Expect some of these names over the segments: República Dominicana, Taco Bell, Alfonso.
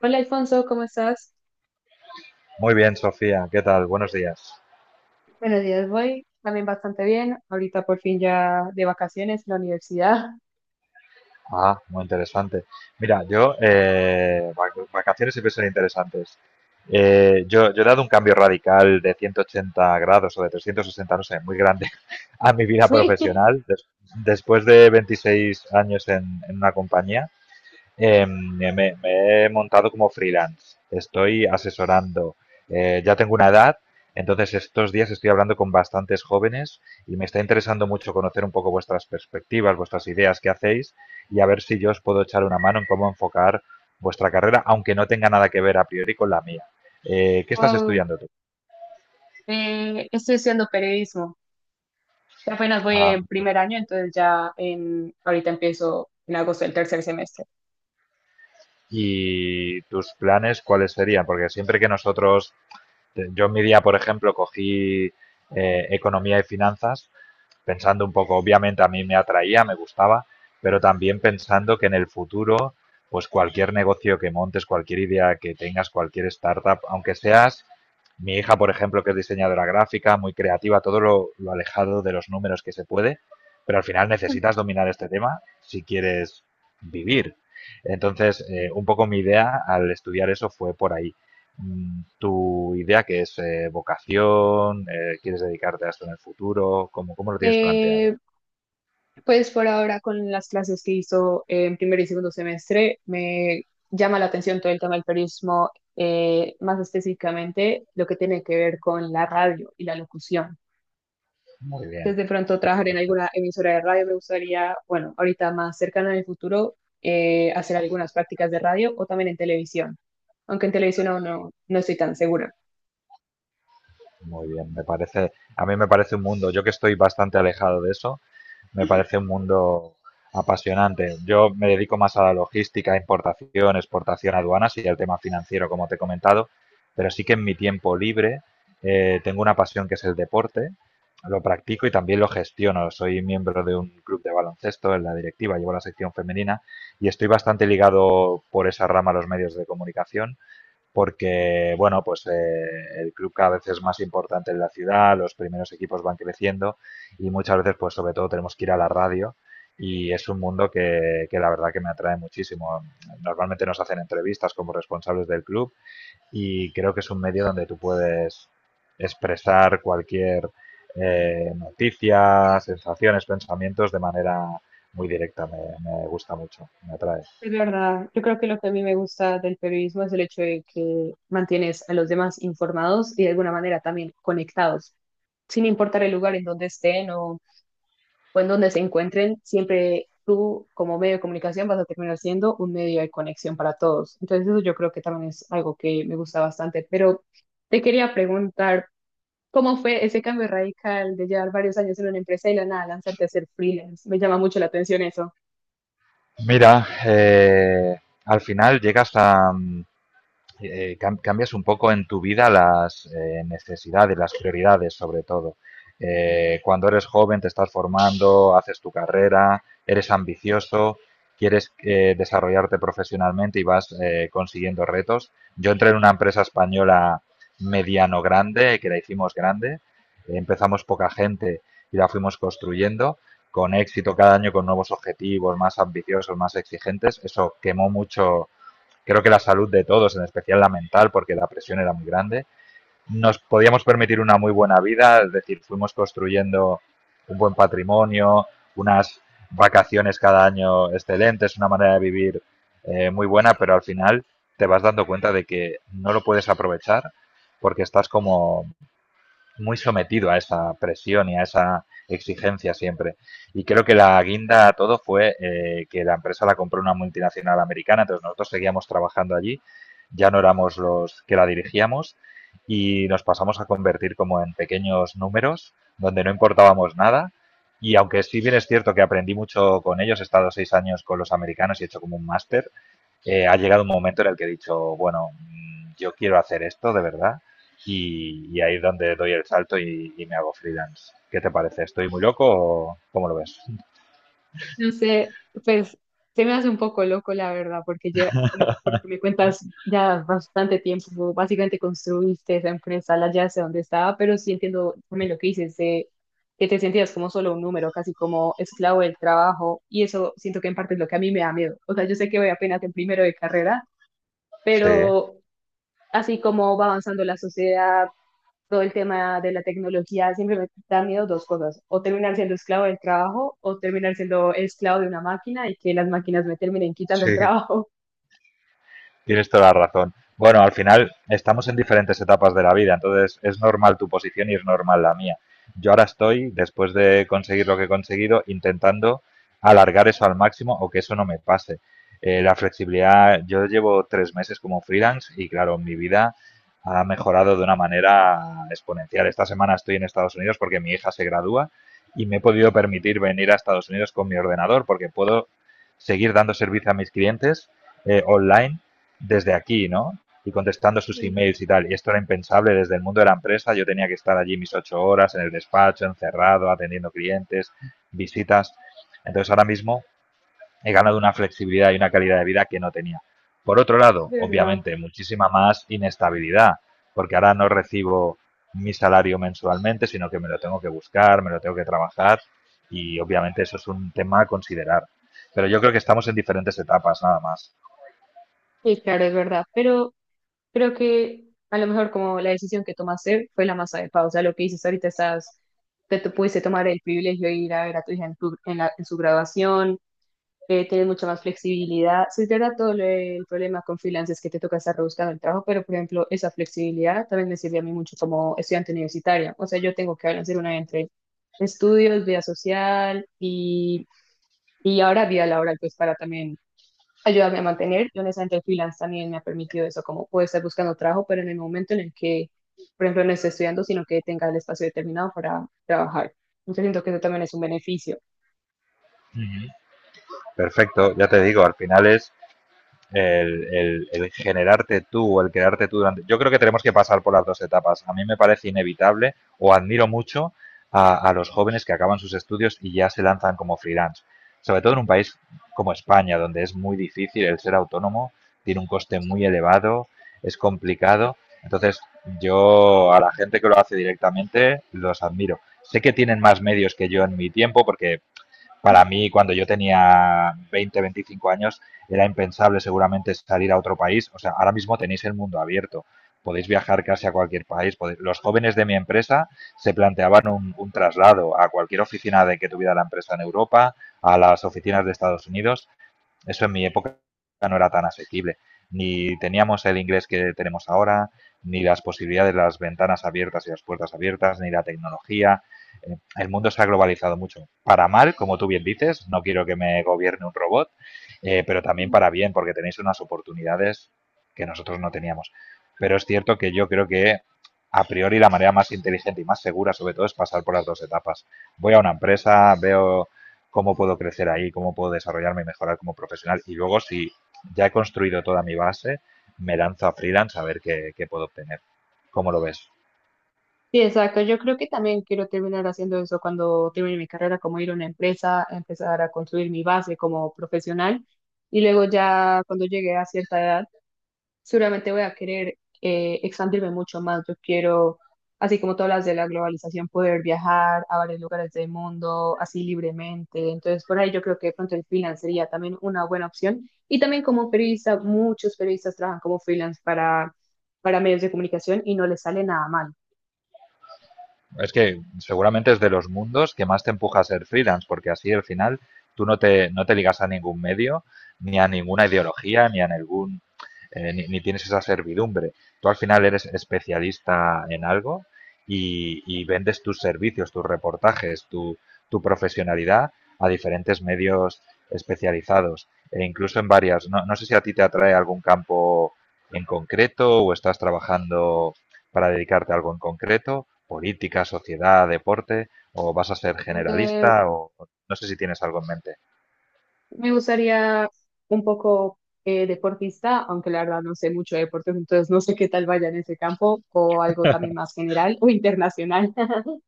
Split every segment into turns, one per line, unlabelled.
Hola Alfonso, ¿cómo estás?
Muy bien, Sofía, ¿qué tal? Buenos días.
Buenos días, voy también bastante bien. Ahorita por fin ya de vacaciones en la universidad.
Ah, muy interesante. Mira, yo, vacaciones siempre son interesantes. Yo he dado un cambio radical de 180 grados o de 360, no sé, muy grande a mi vida
Sí.
profesional. Después de 26 años en una compañía. Me he montado como freelance. Estoy asesorando. Ya tengo una edad, entonces estos días estoy hablando con bastantes jóvenes y me está interesando mucho conocer un poco vuestras perspectivas, vuestras ideas que hacéis, y a ver si yo os puedo echar una mano en cómo enfocar vuestra carrera, aunque no tenga nada que ver a priori con la mía. ¿Qué estás
Wow.
estudiando tú?
Estoy estudiando periodismo. Apenas voy
Ah,
en
muy bien.
primer año, entonces ya en, ahorita empiezo en agosto el tercer semestre.
¿Y tus planes cuáles serían? Porque siempre que nosotros, yo en mi día, por ejemplo, cogí economía y finanzas, pensando un poco, obviamente a mí me atraía, me gustaba, pero también pensando que en el futuro, pues cualquier negocio que montes, cualquier idea que tengas, cualquier startup, aunque seas mi hija, por ejemplo, que es diseñadora gráfica, muy creativa, todo lo alejado de los números que se puede, pero al final necesitas dominar este tema si quieres vivir. Entonces, un poco mi idea al estudiar eso fue por ahí. Tu idea, que es vocación, quieres dedicarte a esto en el futuro, ¿cómo, cómo lo tienes planteado?
Eh, pues por ahora con las clases que hizo en primer y segundo semestre, me llama la atención todo el tema del periodismo, más específicamente lo que tiene que ver con la radio y la locución.
Muy bien,
Desde pronto
me
trabajar en
parece.
alguna emisora de radio. Me gustaría, bueno, ahorita más cercano en el futuro, hacer algunas prácticas de radio o también en televisión, aunque en televisión aún no estoy tan segura.
Muy bien, me parece, a mí me parece un mundo, yo que estoy bastante alejado de eso, me parece un mundo apasionante. Yo me dedico más a la logística, importación, exportación, aduanas y al tema financiero, como te he comentado, pero sí que en mi tiempo libre tengo una pasión que es el deporte, lo practico y también lo gestiono. Soy miembro de un club de baloncesto en la directiva, llevo la sección femenina y estoy bastante ligado por esa rama a los medios de comunicación porque, bueno, pues el club cada vez es más importante en la ciudad, los primeros equipos van creciendo y muchas veces, pues sobre todo, tenemos que ir a la radio, y es un mundo que la verdad que me atrae muchísimo. Normalmente nos hacen entrevistas como responsables del club y creo que es un medio donde tú puedes expresar cualquier noticia, sensaciones, pensamientos de manera muy directa. Me gusta mucho, me atrae.
Es verdad, yo creo que lo que a mí me gusta del periodismo es el hecho de que mantienes a los demás informados y de alguna manera también conectados, sin importar el lugar en donde estén o en donde se encuentren, siempre tú como medio de comunicación vas a terminar siendo un medio de conexión para todos. Entonces eso yo creo que también es algo que me gusta bastante, pero te quería preguntar, ¿cómo fue ese cambio radical de llevar varios años en una empresa y de la nada lanzarte a ser freelance? Me llama mucho la atención eso.
Mira, al final llegas a, cambias un poco en tu vida las necesidades, las prioridades sobre todo. Cuando eres joven te estás formando, haces tu carrera, eres ambicioso, quieres desarrollarte profesionalmente y vas consiguiendo retos. Yo entré en una empresa española mediano grande, que la hicimos grande, empezamos poca gente y la fuimos construyendo con éxito cada año, con nuevos objetivos más ambiciosos, más exigentes. Eso quemó mucho, creo que la salud de todos, en especial la mental, porque la presión era muy grande, nos podíamos permitir una muy buena vida, es decir, fuimos construyendo un buen patrimonio, unas vacaciones cada año excelentes, una manera de vivir muy buena, pero al final te vas dando cuenta de que no lo puedes aprovechar porque estás como muy sometido a esa presión y a esa exigencia siempre. Y creo que la guinda a todo fue que la empresa la compró una multinacional americana, entonces nosotros seguíamos trabajando allí, ya no éramos los que la dirigíamos y nos pasamos a convertir como en pequeños números donde no importábamos nada. Y aunque sí bien es cierto que aprendí mucho con ellos, he estado 6 años con los americanos y he hecho como un máster, ha llegado un momento en el que he dicho, bueno, yo quiero hacer esto de verdad, y ahí es donde doy el salto y me hago freelance. ¿Qué te parece? ¿Estoy muy loco o cómo lo ves?
No sé, pues se me hace un poco loco, la verdad, porque ya, lo, porque me cuentas ya bastante tiempo, básicamente construiste esa empresa, la ya sé dónde estaba, pero sí entiendo también lo que dices, de que te sentías como solo un número, casi como esclavo del trabajo, y eso siento que en parte es lo que a mí me da miedo. O sea, yo sé que voy apenas en primero de carrera,
Sí,
pero así como va avanzando la sociedad, todo el tema de la tecnología siempre me da miedo dos cosas, o terminar siendo esclavo del trabajo o terminar siendo esclavo de una máquina y que las máquinas me terminen quitando
sí.
el trabajo.
Tienes toda la razón. Bueno, al final estamos en diferentes etapas de la vida, entonces es normal tu posición y es normal la mía. Yo ahora estoy, después de conseguir lo que he conseguido, intentando alargar eso al máximo o que eso no me pase. La flexibilidad, yo llevo 3 meses como freelance y claro, mi vida ha mejorado de una manera exponencial. Esta semana estoy en Estados Unidos porque mi hija se gradúa y me he podido permitir venir a Estados Unidos con mi ordenador porque puedo seguir dando servicio a mis clientes online desde aquí, ¿no? Y contestando sus
Sí.
emails y tal. Y esto era impensable desde el mundo de la empresa. Yo tenía que estar allí mis 8 horas en el despacho, encerrado, atendiendo clientes, visitas. Entonces ahora mismo he ganado una flexibilidad y una calidad de vida que no tenía. Por otro
Es
lado,
verdad.
obviamente, muchísima más inestabilidad, porque ahora no recibo mi salario mensualmente, sino que me lo tengo que buscar, me lo tengo que trabajar, y obviamente eso es un tema a considerar. Pero yo creo que estamos en diferentes etapas, nada más.
Sí, claro, es verdad, pero creo que a lo mejor como la decisión que tomaste fue la más adecuada, o sea, lo que dices ahorita estás, te pudiste tomar el privilegio de ir a ver a tu hija en, tu- en la- en su graduación, tienes mucha más flexibilidad. Sí, es verdad, todo lo- el problema con freelance es que te toca estar rebuscando el trabajo, pero por ejemplo, esa flexibilidad también me sirve a mí mucho como estudiante universitaria. O sea, yo tengo que balancear una entre estudios, vida social y ahora vida laboral, pues para también ayudarme a mantener. Yo honestamente el freelance también me ha permitido eso, como puedo estar buscando trabajo, pero en el momento en el que, por ejemplo, no esté estudiando, sino que tenga el espacio determinado para trabajar. Entonces siento que eso también es un beneficio.
Perfecto, ya te digo, al final es el generarte tú, el crearte tú durante. Yo creo que tenemos que pasar por las dos etapas. A mí me parece inevitable o admiro mucho a los jóvenes que acaban sus estudios y ya se lanzan como freelance. Sobre todo en un país como España, donde es muy difícil el ser autónomo, tiene un coste muy elevado, es complicado. Entonces, yo a la gente que lo hace directamente los admiro. Sé que tienen más medios que yo en mi tiempo, porque para mí, cuando yo tenía 20, 25 años, era impensable seguramente salir a otro país. O sea, ahora mismo tenéis el mundo abierto. Podéis viajar casi a cualquier país. Podéis- Los jóvenes de mi empresa se planteaban un traslado a cualquier oficina de que tuviera la empresa en Europa, a las oficinas de Estados Unidos. Eso en mi época no era tan asequible. Ni teníamos el inglés que tenemos ahora, ni las posibilidades de las ventanas abiertas y las puertas abiertas, ni la tecnología. El mundo se ha globalizado mucho. Para mal, como tú bien dices, no quiero que me gobierne un robot, pero también para bien, porque tenéis unas oportunidades que nosotros no teníamos. Pero es cierto que yo creo que a priori la manera más inteligente y más segura sobre todo es pasar por las dos etapas. Voy a una empresa, veo cómo puedo crecer ahí, cómo puedo desarrollarme y mejorar como profesional. Y luego, si ya he construido toda mi base, me lanzo a freelance a ver qué, qué puedo obtener. ¿Cómo lo ves?
Sí, exacto. Yo creo que también quiero terminar haciendo eso cuando termine mi carrera, como ir a una empresa, empezar a construir mi base como profesional y luego ya cuando llegue a cierta edad, seguramente voy a querer expandirme mucho más. Yo quiero, así como todas las de la globalización, poder viajar a varios lugares del mundo así libremente. Entonces, por ahí yo creo que de pronto el freelance sería también una buena opción. Y también como periodista, muchos periodistas trabajan como freelance para medios de comunicación y no les sale nada mal.
Es que seguramente es de los mundos que más te empuja a ser freelance, porque así al final tú no te ligas a ningún medio, ni a ninguna ideología, ni a ningún, ni tienes esa servidumbre. Tú al final eres especialista en algo y vendes tus servicios, tus reportajes, tu profesionalidad a diferentes medios especializados e incluso en varias. No, no sé si a ti te atrae algún campo en concreto o estás trabajando para dedicarte a algo en concreto, política, sociedad, deporte, o vas a ser generalista, o no sé si tienes algo en mente.
Me gustaría un poco deportista, aunque la verdad no sé mucho de deportes, entonces no sé qué tal vaya en ese campo o algo también más general o internacional.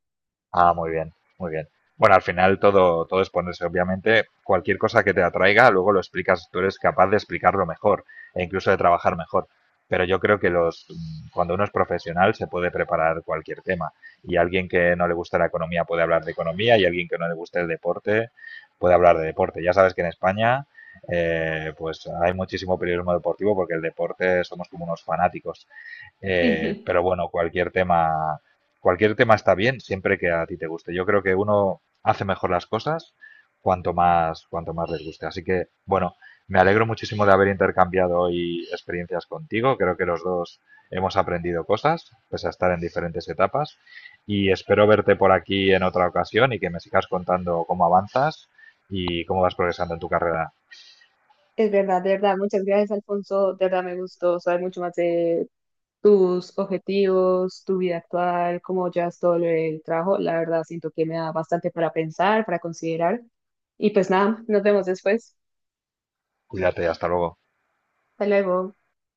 Ah, muy bien, muy bien. Bueno, al final todo, todo es ponerse. Obviamente, cualquier cosa que te atraiga, luego lo explicas. Tú eres capaz de explicarlo mejor e incluso de trabajar mejor. Pero yo creo que los, cuando uno es profesional se puede preparar cualquier tema. Y alguien que no le gusta la economía puede hablar de economía y alguien que no le guste el deporte puede hablar de deporte. Ya sabes que en España pues hay muchísimo periodismo deportivo porque el deporte somos como unos fanáticos.
Sí,
Pero bueno, cualquier tema está bien siempre que a ti te guste. Yo creo que uno hace mejor las cosas cuanto más les guste. Así que, bueno, me alegro muchísimo de haber intercambiado hoy experiencias contigo. Creo que los dos hemos aprendido cosas, pese a estar en diferentes etapas. Y espero verte por aquí en otra ocasión y que me sigas contando cómo avanzas y cómo vas progresando en tu carrera.
es verdad, de verdad. Muchas gracias, Alfonso. De verdad me gustó saber mucho más de tus objetivos, tu vida actual, cómo llevas todo el trabajo. La verdad siento que me da bastante para pensar, para considerar. Y pues nada, nos vemos después.
Cuídate, hasta luego.
Hasta luego.